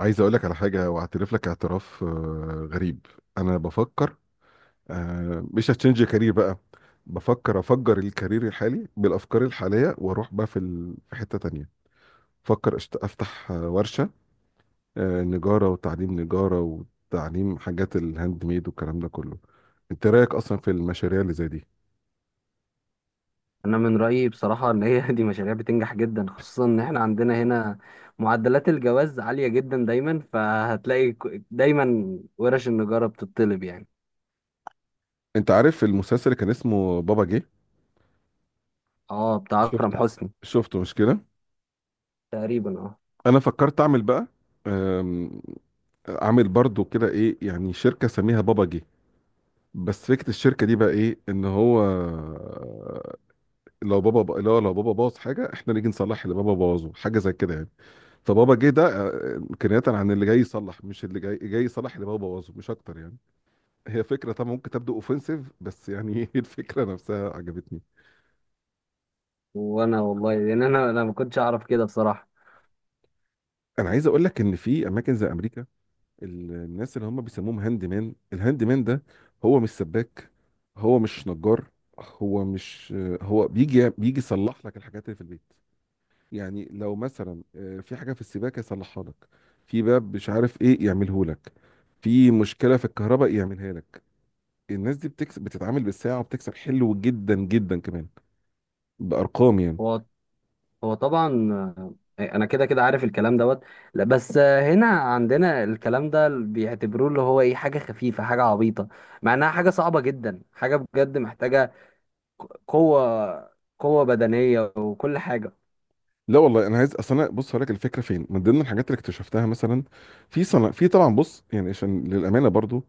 عايز اقول لك على حاجه واعترف لك اعتراف غريب. انا بفكر. مش هتشنج كارير بقى. بفكر افجر الكارير الحالي بالافكار الحاليه واروح بقى في حته تانية. بفكر افتح ورشه، نجاره وتعليم نجاره، وتعليم حاجات الهاند ميد والكلام ده كله. انت رايك اصلا في المشاريع اللي زي دي؟ انا من رايي بصراحه ان هي دي مشاريع بتنجح جدا، خصوصا ان احنا عندنا هنا معدلات الجواز عاليه جدا دايما، فهتلاقي دايما ورش النجاره بتطلب يعني. انت عارف المسلسل اللي كان اسمه بابا جه؟ اه، بتاع شفته؟ اكرم حسني. شفته مش كده؟ تقريبا اه. انا فكرت اعمل بقى، عامل برضو كده ايه يعني، شركة سميها بابا جه. بس فكرة الشركة دي بقى ايه؟ ان هو لو بابا باظ حاجة احنا نيجي نصلح اللي بابا بوظه، حاجة زي كده يعني. فبابا جه ده كناية عن اللي جاي يصلح، مش اللي جاي يصلح اللي بابا بوظه، مش اكتر يعني. هي فكرة طبعا ممكن تبدو اوفنسيف، بس يعني هي الفكرة نفسها عجبتني. وانا والله، لان انا ما كنتش اعرف كده بصراحه. انا عايز اقول لك ان في اماكن زي امريكا، الناس اللي هم بيسموهم هاند مان، الهاند مان ده هو مش سباك، هو مش نجار، هو مش، هو بيجي يصلح لك الحاجات اللي في البيت. يعني لو مثلا في حاجه في السباكه يصلحها لك، في باب مش عارف ايه يعمله لك، في مشكله في الكهرباء يعملها لك. الناس دي بتكسب، بتتعامل بالساعه وبتكسب حلو جدا جدا كمان، بارقام يعني. هو هو طبعا. انا كده كده عارف الكلام دوت. لا بس، هنا عندنا الكلام ده بيعتبروه اللي هو ايه، حاجه خفيفه، حاجه عبيطه، مع انها حاجه صعبه جدا، حاجه بجد محتاجه قوة، قوة بدنية وكل حاجة. لا والله، انا عايز، اصل انا بص هقول لك الفكره فين من ضمن الحاجات اللي اكتشفتها. مثلا في صنع، في طبعا، بص يعني عشان للامانه برضو،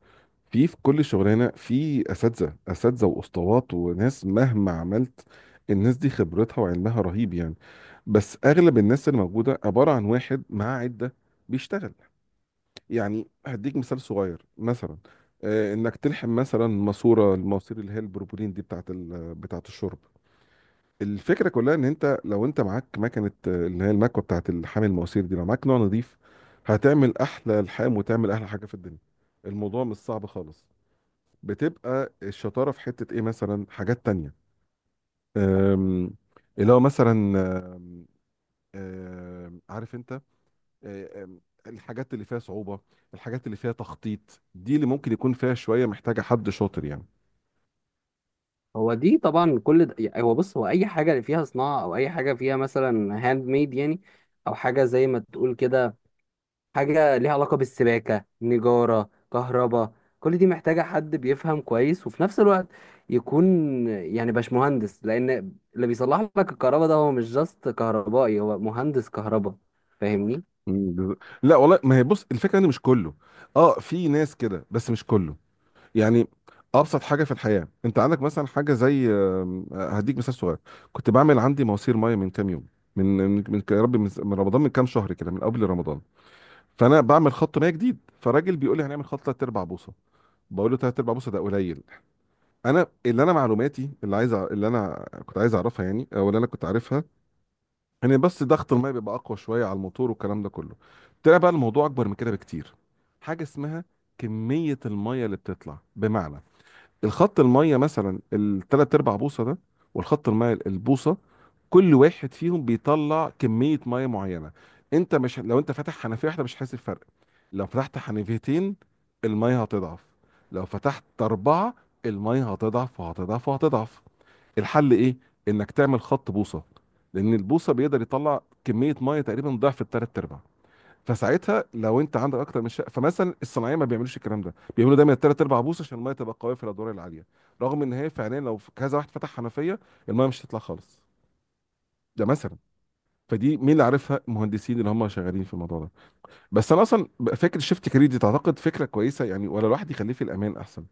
في كل شغلانه في اساتذه، اساتذه واسطوات وناس مهما عملت، الناس دي خبرتها وعلمها رهيب يعني. بس اغلب الناس اللي موجوده عباره عن واحد معاه عده بيشتغل. يعني هديك مثال صغير مثلا، انك تلحم مثلا ماسوره، الماسير اللي هي البروبولين دي بتاعت بتاعت الشرب. الفكره كلها ان انت، لو انت معاك مكنه اللي هي المكوه بتاعت الحامل المواسير دي، لو معاك نوع نظيف هتعمل احلى الحام وتعمل احلى حاجه في الدنيا. الموضوع مش صعب خالص. بتبقى الشطاره في حته ايه؟ مثلا حاجات تانية، أم، اللي هو مثلا، أم، أم، عارف انت، أم، الحاجات اللي فيها صعوبه، الحاجات اللي فيها تخطيط دي اللي ممكن يكون فيها شويه، محتاجه حد شاطر يعني. هو دي طبعا كل ده، يعني هو بص، هو أي حاجة فيها صناعة أو أي حاجة فيها مثلا هاند ميد يعني، أو حاجة زي ما تقول كده، حاجة ليها علاقة بالسباكة نجارة كهرباء، كل دي محتاجة حد بيفهم كويس، وفي نفس الوقت يكون يعني باشمهندس، لأن اللي بيصلح لك الكهرباء ده هو مش جاست كهربائي، هو مهندس كهرباء. فاهمني؟ مم، بز- لا والله، ما هي بص الفكره ان مش كله. اه، في ناس كده بس مش كله يعني. ابسط حاجه في الحياه، انت عندك مثلا حاجه زي، هديك مثال صغير. كنت بعمل عندي مواسير ميه من كام يوم. من يا ربي، من رمضان، من كام شهر كده، من قبل رمضان. فانا بعمل خط ميه جديد، فراجل بيقول لي هنعمل خط 3 ارباع بوصه. بقول له 3 ارباع بوصه ده قليل. انا اللي، انا معلوماتي اللي عايز اللي انا كنت عايز اعرفها يعني، او اللي انا كنت عارفها، ان بس ضغط الميه بيبقى اقوى شويه على الموتور والكلام ده كله. طلع بقى الموضوع اكبر من كده بكتير. حاجه اسمها كميه الميه اللي بتطلع، بمعنى الخط الميه مثلا الثلاث ارباع بوصه ده والخط الميه البوصه، كل واحد فيهم بيطلع كميه ميه معينه. انت، مش لو انت فاتح حنفيه واحده مش هتحس بفرق. لو فتحت حنفيتين الميه هتضعف، لو فتحت اربعه الميه هتضعف وهتضعف وهتضعف. الحل ايه؟ انك تعمل خط بوصه، لان البوصه بيقدر يطلع كميه ميه تقريبا ضعف الثلاث ارباع. فساعتها لو انت عندك اكتر من شقه، فمثلا الصناعيه ما بيعملوش الكلام ده، بيعملوا دايما الثلاث ارباع بوصه عشان الميه تبقى قويه في الادوار العاليه، رغم ان هي فعليا لو كذا واحد فتح حنفيه الميه مش هتطلع خالص. ده مثلا. فدي مين اللي عارفها؟ المهندسين اللي هم شغالين في الموضوع ده. بس انا اصلا، فكره شيفت كارير دي تعتقد فكره كويسه يعني، ولا الواحد يخليه في الامان احسن؟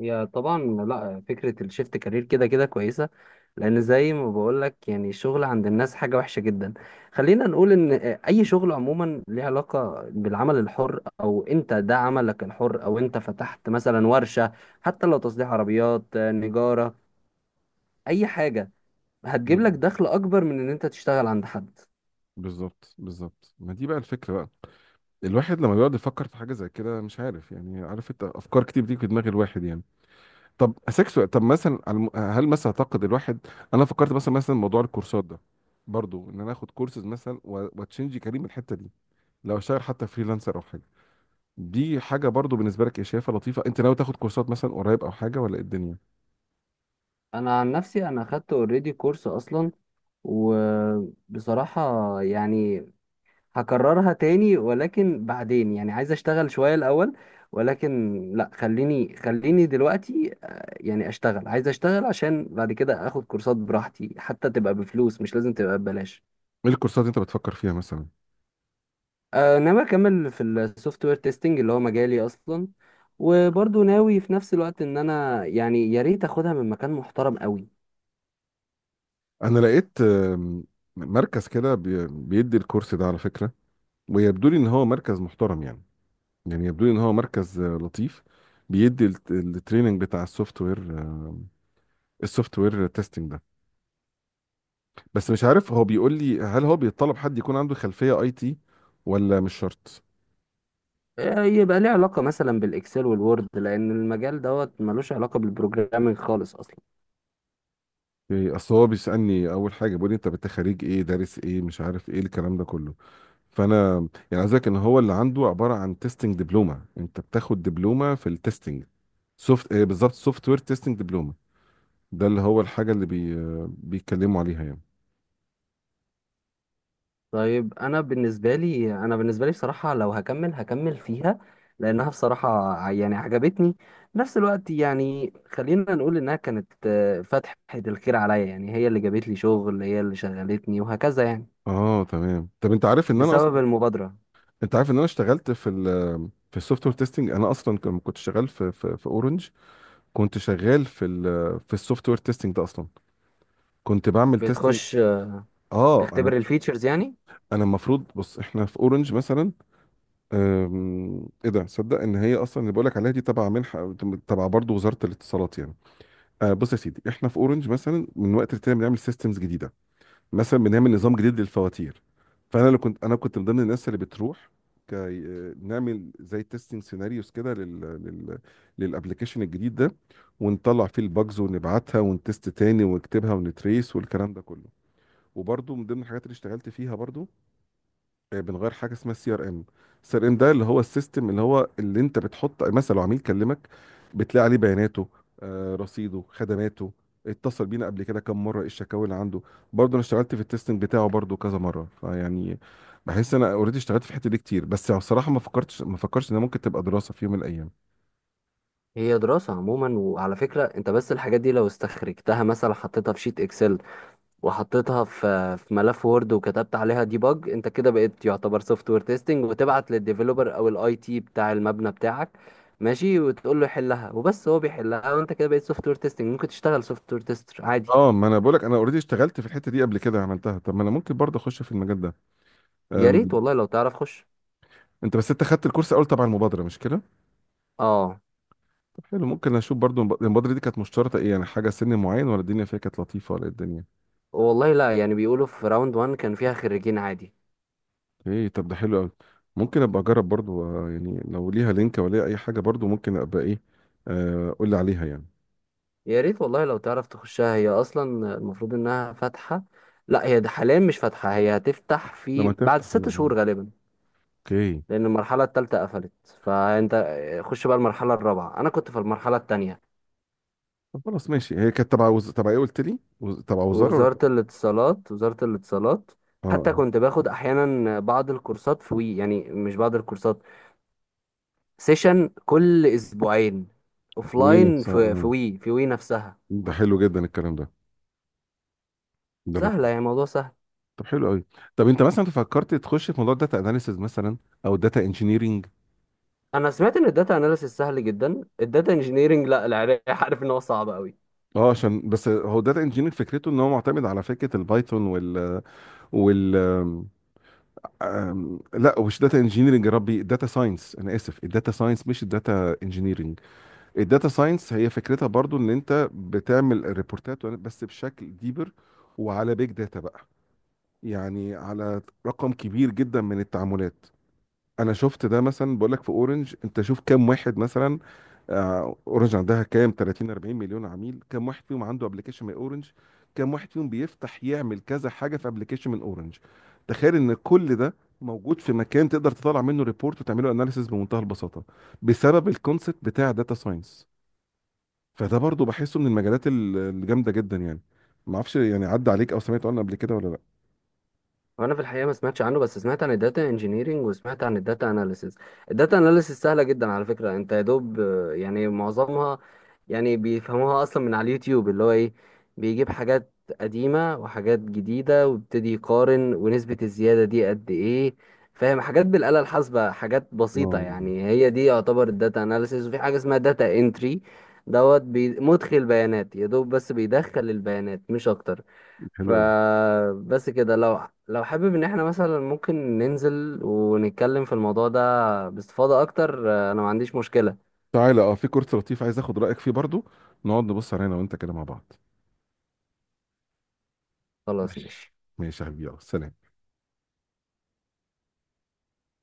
هي طبعا. لا، فكرة الشيفت كارير كده كده كويسة، لأن زي ما بقولك يعني الشغل عند الناس حاجة وحشة جدا. خلينا نقول إن أي شغل عموما ليه علاقة بالعمل الحر، أو أنت ده عملك الحر، أو أنت فتحت مثلا ورشة، حتى لو تصليح عربيات، نجارة، أي حاجة، هتجيب لك مم. دخل أكبر من إن أنت تشتغل عند حد. بالظبط بالظبط، ما دي بقى الفكره بقى. الواحد لما بيقعد يفكر في حاجه زي كده، مش عارف يعني، عارف انت افكار كتير بتيجي في دماغ الواحد يعني. طب سكسو، طب مثلا على هل مثلا، اعتقد الواحد، انا فكرت مثلا، موضوع الكورسات ده برضو، ان انا اخد كورسز مثلا واتشنجي كريم الحته دي، لو اشتغل حتى فريلانسر او حاجه. دي حاجه برضو بالنسبه لك، ايه، شايفها لطيفه؟ انت ناوي تاخد كورسات مثلا قريب او حاجه، ولا ايه الدنيا؟ أنا عن نفسي أنا خدت أوريدي كورس أصلا، وبصراحة يعني هكررها تاني، ولكن بعدين يعني عايز اشتغل شوية الاول، ولكن لا، خليني خليني دلوقتي يعني اشتغل، عايز اشتغل، عشان بعد كده اخد كورسات براحتي، حتى تبقى بفلوس، مش لازم تبقى ببلاش. ايه الكورسات اللي انت بتفكر فيها مثلا؟ ناوي اكمل في السوفت وير تيستنج، اللي هو مجالي اصلا، وبرضه ناوي في نفس الوقت ان انا يعني يا ريت اخدها من مكان محترم قوي. انا لقيت، مركز كده بيدي الكورس ده على فكره، ويبدو لي ان هو مركز محترم يعني. يعني يبدو لي ان هو مركز لطيف، بيدي التريننج بتاع السوفت وير، السوفت وير تيستنج ده. بس مش عارف، هو بيقول لي هل هو بيطلب حد يكون عنده خلفية اي تي ولا مش شرط؟ يبقى ليه علاقة مثلا بالاكسل والوورد، لان المجال دوت ملوش علاقة بالبروجرامينج خالص اصلا. إيه، اصل هو بيسألني اول حاجة، بيقول لي انت خريج ايه، دارس ايه، مش عارف ايه الكلام ده كله. فانا، يعني عايز أقولك ان هو اللي عنده عبارة عن تيستنج دبلومة، انت بتاخد دبلومة في التيستنج، سوفت إيه بالظبط، سوفت وير تيستنج دبلومة، ده اللي هو الحاجة اللي بيتكلموا عليها يعني. طيب، انا بالنسبه لي بصراحه لو هكمل هكمل فيها، لانها بصراحه يعني عجبتني. في نفس الوقت يعني خلينا نقول انها كانت فتحه الخير عليا، يعني هي اللي جابت لي شغل، هي اللي شغلتني وهكذا يعني، اه تمام. طب انت عارف ان انا اصلا، بسبب المبادره. انت عارف ان انا اشتغلت في السوفت وير تيستنج، انا اصلا كنت شغال في اورنج، كنت شغال في السوفت وير تيستنج ده اصلا، كنت بعمل تيستنج. بتخش اه، انا تختبر الفيتشرز يعني. انا المفروض، بص احنا في اورنج مثلا، ايه ده، صدق ان هي اصلا اللي بقول لك عليها دي تبع منحه، تبع برضه وزاره الاتصالات يعني. بص يا سيدي، احنا في اورنج مثلا من وقت للتاني بنعمل سيستمز جديده، مثلا بنعمل نظام جديد للفواتير. فانا اللي كنت، انا كنت من ضمن الناس اللي بتروح كي نعمل زي تيستنج سيناريوز كده لل لل للابلكيشن الجديد ده، ونطلع فيه الباجز ونبعتها ونتست تاني ونكتبها ونتريس والكلام ده كله. وبرضه من ضمن الحاجات اللي اشتغلت فيها برضه، بنغير حاجه اسمها السي ار ام. السي ار ام ده اللي هو السيستم اللي هو اللي انت بتحط مثلا، لو عميل كلمك بتلاقي عليه بياناته، رصيده، خدماته، اتصل بينا قبل كده كم مره، ايه الشكاوي اللي عنده. برضه انا اشتغلت في التستنج بتاعه برضه كذا مره فيعني. بحس انا اوريدي اشتغلت في الحته دي كتير، بس بصراحه ما فكرتش انها ممكن تبقى دراسه في يوم من الايام. هي دراسه عموما. وعلى فكره، انت بس الحاجات دي لو استخرجتها مثلا، حطيتها في شيت اكسل، وحطيتها في ملف وورد، وكتبت عليها ديباج، انت كده بقيت يعتبر سوفت وير تيستنج، وتبعت للديفلوبر او الاي تي بتاع المبنى بتاعك، ماشي، وتقول له يحلها وبس، هو بيحلها، وانت كده بقيت سوفت وير تيستنج، ممكن تشتغل سوفت وير تيستر عادي. اه، ما انا بقولك، انا اوريدي اشتغلت في الحته دي قبل كده، عملتها. طب ما انا ممكن برضه اخش في المجال ده. يا أم، ريت والله لو تعرف خش. انت بس، انت خدت الكورس اول تبع المبادره مش كده؟ اه. طب حلو، ممكن اشوف برضو البودره دي كانت مشترطه ايه؟ يعني حاجه سن معين، ولا الدنيا فيها كانت لطيفه، ولا إيه الدنيا؟ والله لا، يعني بيقولوا في راوند 1 كان فيها خريجين عادي. ايه؟ طب ده حلو قوي. ممكن ابقى اجرب برضو، يعني لو ليها لينك، ولا ليها اي حاجه، برضو ممكن ابقى ايه. قول لي عليها يعني. يا ريت والله لو تعرف تخشها، هي اصلا المفروض انها فاتحة. لا، هي ده حاليا مش فاتحة، هي هتفتح لما في بعد تفتح، ست شهور غالبا، اوكي. لان المرحله الثالثه قفلت. فانت خش بقى المرحله الرابعه، انا كنت في المرحله الثانيه. طب خلاص، ماشي. هي كانت تبع تبع ايه قلت لي، تبع وزاره ولا؟ وزاره الاتصالات، وزاره الاتصالات. اه، حتى اه. كنت باخد احيانا بعض الكورسات في وي، يعني مش بعض الكورسات، سيشن كل اسبوعين، اوفلاين، وينكس. اه، في اه. وي، في وي نفسها. ده حلو جدا الكلام ده، ده سهله لطيف. يعني، الموضوع سهل. طب حلو قوي. طب انت مثلا فكرت تخش في موضوع الداتا اناليسز مثلا او الداتا انجينيرنج؟ انا سمعت ان الداتا اناليسيس سهل جدا. الداتا انجينيرنج لا، العراق عارف ان هو صعب قوي. اه، عشان بس هو داتا انجينير فكرته ان هو معتمد على فكره البايثون وال وال لا، مش داتا انجينيرنج، يا ربي، داتا ساينس، انا اسف، الداتا ساينس مش الداتا انجينيرنج. الداتا ساينس هي فكرتها برضو ان انت بتعمل ريبورتات بس بشكل ديبر، وعلى بيج داتا بقى، يعني على رقم كبير جدا من التعاملات. انا شفت ده مثلا. بقول لك في اورنج، انت شوف كام واحد مثلا، اورنج عندها كام، 30 40 مليون عميل، كام واحد فيهم عنده ابلكيشن من اورنج، كام واحد فيهم بيفتح يعمل كذا حاجه في ابلكيشن من اورنج. تخيل ان كل ده موجود في مكان تقدر تطلع منه ريبورت وتعمله اناليسيس بمنتهى البساطه، بسبب الكونسبت بتاع داتا ساينس. فده برضو بحسه من المجالات الجامده جدا يعني. ما اعرفش يعني، عدى عليك او سمعت عنه قبل كده ولا لا؟ وانا في الحقيقه ما سمعتش عنه، بس سمعت عن الداتا انجينيرنج وسمعت عن الداتا اناليسيس. الداتا اناليسيس سهله جدا على فكره، انت يا دوب يعني معظمها، يعني بيفهموها اصلا من على اليوتيوب، اللي هو ايه، بيجيب حاجات قديمه وحاجات جديده ويبتدي يقارن ونسبه الزياده دي قد ايه، فاهم، حاجات بالاله الحاسبه، حاجات بسيطه اه، يعني. هي دي يعتبر الداتا اناليسيس. وفي حاجه اسمها داتا انتري دوت مدخل بيانات يا دوب، بس بيدخل البيانات مش اكتر. حلو، فبس كده، لو حابب ان احنا مثلا ممكن ننزل ونتكلم في الموضوع ده باستفاضة اكتر، انا ما عنديش مشكلة. تعالى، اه في كورس لطيف عايز اخد رايك فيه برضو، نقعد نبص علينا وانت كده مع بعض. خلاص ماشي. ماشي. ماشي يا حبيبي، يلا سلام.